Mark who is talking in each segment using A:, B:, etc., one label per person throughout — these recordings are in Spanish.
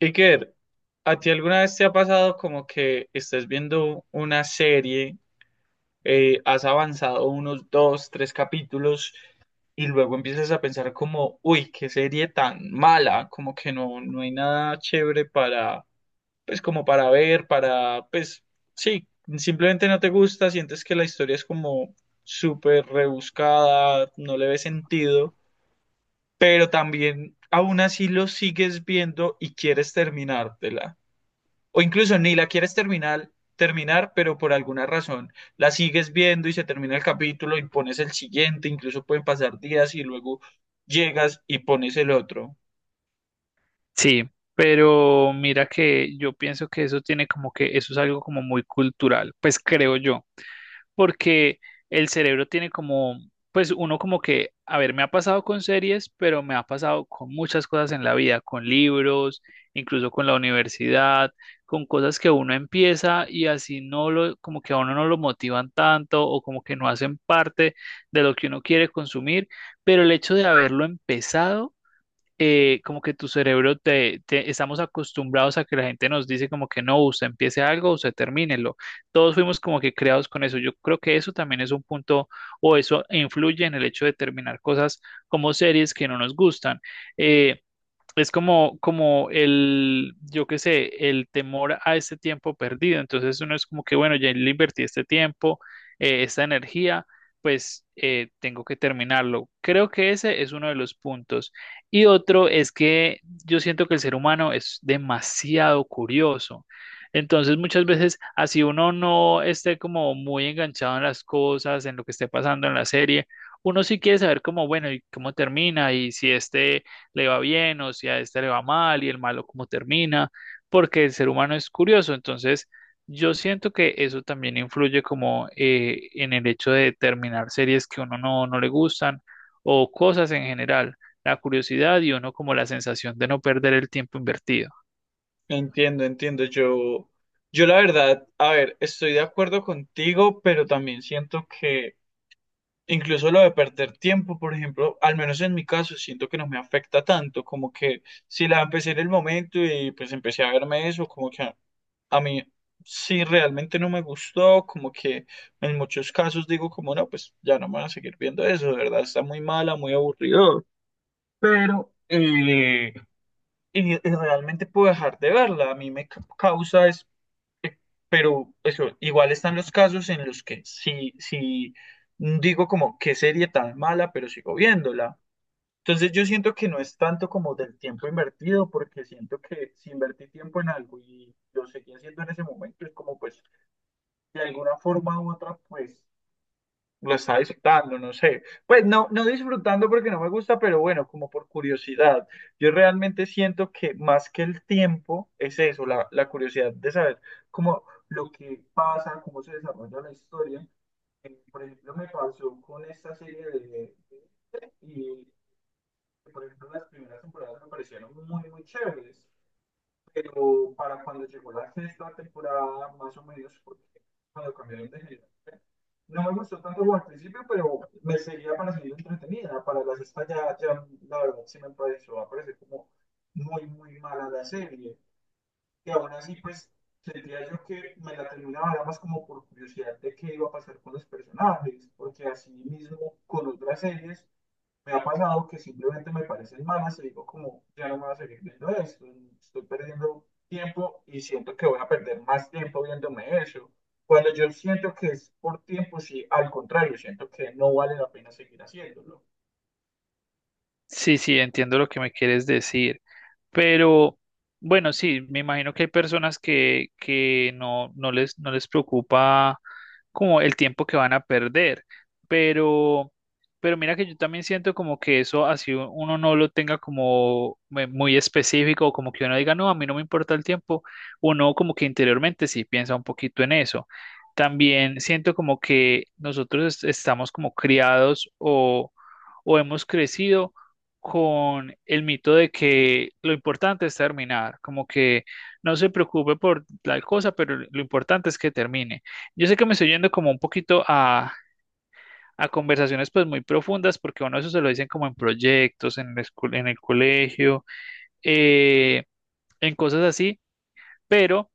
A: Iker, ¿a ti alguna vez te ha pasado como que estés viendo una serie, has avanzado unos dos, tres capítulos y luego empiezas a pensar como, uy, qué serie tan mala, como que no, no hay nada chévere para, pues como para ver, para, pues sí, simplemente no te gusta, sientes que la historia es como súper rebuscada, no le ves sentido, pero también aún así lo sigues viendo y quieres terminártela. O incluso ni la quieres terminar, pero por alguna razón la sigues viendo y se termina el capítulo y pones el siguiente, incluso pueden pasar días y luego llegas y pones el otro.
B: Sí, pero mira que yo pienso que eso tiene como que eso es algo como muy cultural, pues creo yo, porque el cerebro tiene como, pues uno como que, a ver, me ha pasado con series, pero me ha pasado con muchas cosas en la vida, con libros, incluso con la universidad, con cosas que uno empieza y así no lo, como que a uno no lo motivan tanto o como que no hacen parte de lo que uno quiere consumir, pero el hecho de haberlo empezado como que tu cerebro estamos acostumbrados a que la gente nos dice como que no, usted empiece algo, usted termínelo. Todos fuimos como que creados con eso. Yo creo que eso también es un punto o eso influye en el hecho de terminar cosas como series que no nos gustan. Eh, es como, como el, yo qué sé, el temor a este tiempo perdido. Entonces uno es como que, bueno, ya le invertí este tiempo, esta energía, pues tengo que terminarlo. Creo que ese es uno de los puntos. Y otro es que yo siento que el ser humano es demasiado curioso. Entonces muchas veces, así uno no esté como muy enganchado en las cosas, en lo que esté pasando en la serie, uno sí quiere saber cómo, bueno, y cómo termina y si este le va bien o si a este le va mal y el malo cómo termina, porque el ser humano es curioso. Entonces, yo siento que eso también influye como en el hecho de terminar series que uno no le gustan o cosas en general, la curiosidad y uno como la sensación de no perder el tiempo invertido.
A: Entiendo, entiendo. Yo la verdad, a ver, estoy de acuerdo contigo, pero también siento que incluso lo de perder tiempo, por ejemplo, al menos en mi caso, siento que no me afecta tanto, como que si la empecé en el momento y pues empecé a verme eso, como que ah, a mí sí realmente no me gustó, como que en muchos casos digo como no, pues ya no me voy a seguir viendo eso, de verdad está muy mala, muy aburrido, pero y realmente puedo dejar de verla, a mí me causa es, eh, pero eso, igual están los casos en los que sí, sí digo como qué serie tan mala, pero sigo viéndola. Entonces yo siento que no es tanto como del tiempo invertido, porque siento que si invertí tiempo en algo y lo seguí haciendo en ese momento, es como pues de alguna forma u otra, pues lo estaba disfrutando, no sé. Pues no, no disfrutando porque no me gusta, pero bueno, como por curiosidad. Yo realmente siento que más que el tiempo es eso, la curiosidad de saber cómo lo que pasa, cómo se desarrolla la historia. Por ejemplo, me pasó con esta serie de. Y, por ejemplo, las primeras temporadas me parecieron muy, muy chéveres, pero para cuando llegó la sexta temporada, más o menos, porque cuando cambiaron de género, no me gustó tanto como al principio, pero me seguía pareciendo entretenida. Para la sexta ya, ya la verdad sí me pareció, me parece como muy, muy mala la serie. Y aún así, pues, sentía yo que me la terminaba era más como por curiosidad de qué iba a pasar con los personajes, porque así mismo con otras series me ha pasado que simplemente me parecen malas y digo como, ya no me voy a seguir viendo esto, estoy perdiendo tiempo y siento que voy a perder más tiempo viéndome eso. Cuando yo siento que es por tiempo, sí, al contrario, siento que no vale la pena seguir haciéndolo.
B: Sí, sí, entiendo lo que me quieres decir, pero bueno, sí, me imagino que hay personas que no, no les preocupa como el tiempo que van a perder, pero, pero mira que yo también siento como que eso así uno no lo tenga como muy específico, o como que uno diga, no, a mí no me importa el tiempo, uno como que interiormente sí piensa un poquito en eso. También siento como que nosotros estamos como criados o hemos crecido con el mito de que lo importante es terminar, como que no se preocupe por tal cosa, pero lo importante es que termine. Yo sé que me estoy yendo como un poquito a conversaciones pues muy profundas, porque uno eso se lo dicen como en proyectos, en la en el colegio, eh, en cosas así pero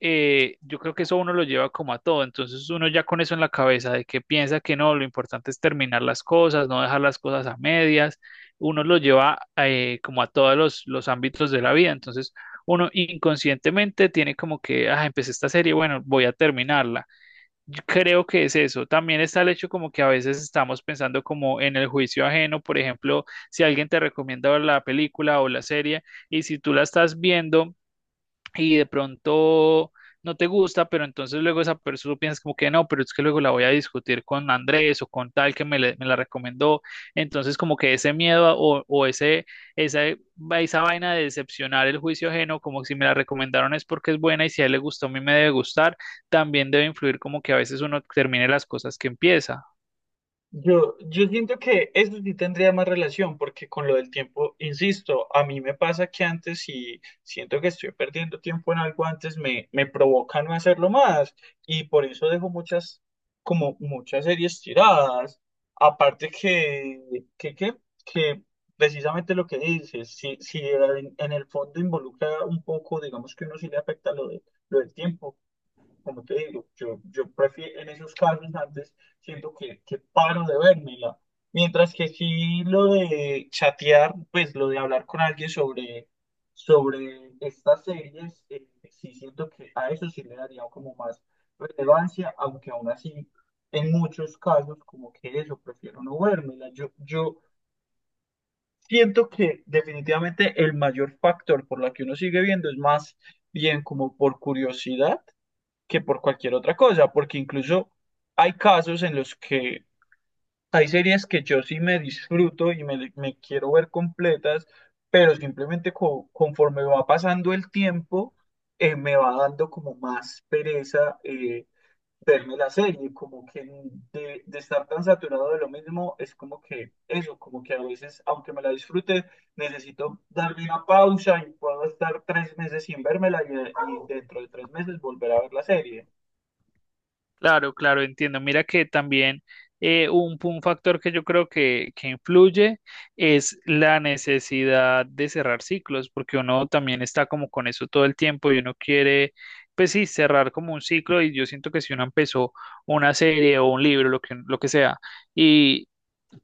B: yo creo que eso uno lo lleva como a todo, entonces uno ya con eso en la cabeza de que piensa que no, lo importante es terminar las cosas, no dejar las cosas a medias, uno lo lleva como a todos los ámbitos de la vida, entonces uno inconscientemente tiene como que, ah, empecé esta serie, bueno, voy a terminarla. Yo creo que es eso. También está el hecho como que a veces estamos pensando como en el juicio ajeno, por ejemplo, si alguien te recomienda la película o la serie y si tú la estás viendo y de pronto no te gusta, pero entonces luego esa persona piensas como que no, pero es que luego la voy a discutir con Andrés o con tal que me la recomendó. Entonces como que ese miedo o ese, esa, esa vaina de decepcionar el juicio ajeno, como si me la recomendaron es porque es buena y si a él le gustó, a mí me debe gustar, también debe influir como que a veces uno termine las cosas que empieza.
A: Yo siento que eso sí tendría más relación, porque con lo del tiempo, insisto, a mí me pasa que antes si siento que estoy perdiendo tiempo en algo antes, me provoca no hacerlo más, y por eso dejo muchas, como muchas series tiradas. Aparte que, que, que precisamente lo que dices, si en, el fondo involucra un poco, digamos que uno sí le afecta lo del tiempo como te digo, yo prefiero en esos casos antes siento que paro de vérmela. Mientras que sí lo de chatear, pues lo de hablar con alguien sobre estas series, sí siento que a eso sí le daría como más relevancia, aunque aún así en muchos casos como que eso, prefiero no vérmela. Yo siento que definitivamente el mayor factor por la que uno sigue viendo es más bien como por curiosidad que por cualquier otra cosa, porque incluso hay casos en los que hay series que yo sí me disfruto y me quiero ver completas, pero simplemente conforme va pasando el tiempo, me va dando como más pereza verme la serie, como que de estar tan saturado de lo mismo, es como que eso, como que a veces, aunque me la disfrute, necesito darle una pausa y puedo estar 3 meses sin vérmela y dentro de 3 meses volver a ver la serie.
B: Claro, claro, entiendo. Mira que también un factor que yo creo que influye es la necesidad de cerrar ciclos, porque uno también está como con eso todo el tiempo y uno quiere, pues sí, cerrar como un ciclo y yo siento que si uno empezó una serie o un libro, lo que sea,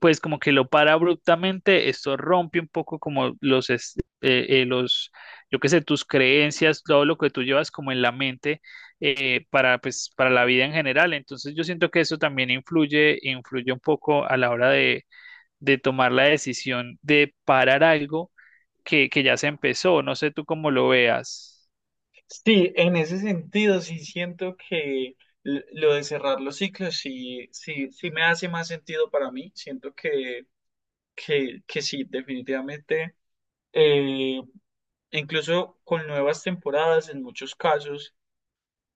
B: pues como que lo para abruptamente, esto rompe un poco como los, los, yo qué sé, tus creencias, todo lo que tú llevas como en la mente para, pues, para la vida en general. Entonces yo siento que eso también influye un poco a la hora de tomar la decisión de parar algo que ya se empezó. No sé tú cómo lo veas.
A: Sí, en ese sentido, sí siento que lo de cerrar los ciclos sí, sí, sí me hace más sentido para mí. Siento que sí, definitivamente, eh, incluso con nuevas temporadas en muchos casos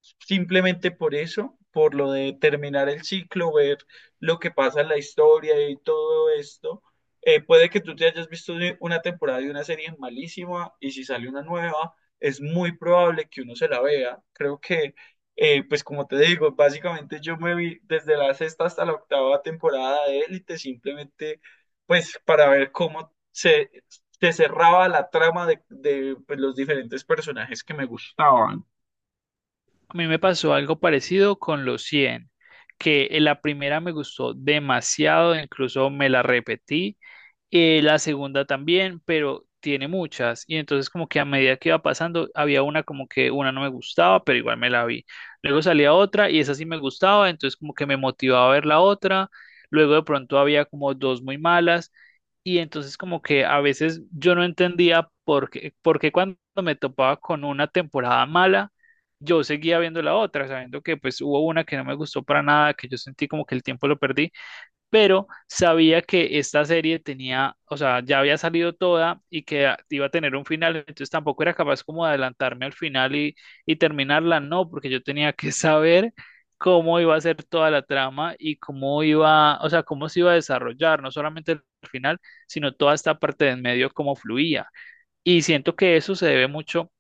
A: simplemente por eso, por lo de terminar el ciclo, ver lo que pasa en la historia y todo esto. Puede que tú te hayas visto una temporada de una serie malísima y si sale una nueva, es muy probable que uno se la vea. Creo que, pues como te digo, básicamente yo me vi desde la sexta hasta la octava temporada de Élite, simplemente pues para ver cómo se cerraba la trama de, pues, los diferentes personajes que me gustaban.
B: A mí me pasó algo parecido con los 100 que en la primera me gustó demasiado, incluso me la repetí la segunda también, pero tiene muchas. Y entonces como que a medida que iba pasando, había una como que una no me gustaba, pero igual me la vi. Luego salía otra y esa sí me gustaba, entonces como que me motivaba a ver la otra. Luego de pronto había como dos muy malas y entonces como que a veces yo no entendía por qué cuando me topaba con una temporada mala, yo seguía viendo la otra, sabiendo que pues hubo una que no me gustó para nada, que yo sentí como que el tiempo lo perdí pero sabía que esta serie tenía, o sea, ya había salido toda y que iba a tener un final, entonces tampoco era capaz como de adelantarme al final y terminarla, no, porque yo tenía que saber cómo iba a ser toda la trama y cómo iba, o sea, cómo se iba a desarrollar, no solamente el final, sino toda esta parte de en medio, cómo fluía. Y siento que eso se debe mucho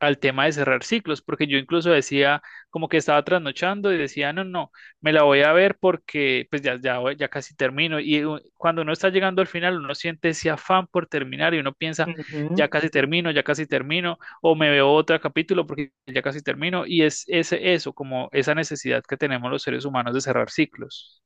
B: al tema de cerrar ciclos, porque yo incluso decía como que estaba trasnochando y decía, no, no, me la voy a ver porque pues ya, ya casi termino. Y cuando uno está llegando al final, uno siente ese afán por terminar y uno piensa,
A: Ujú.
B: ya casi termino, o me veo otro capítulo porque ya casi termino. Y es eso, como esa necesidad que tenemos los seres humanos de cerrar ciclos.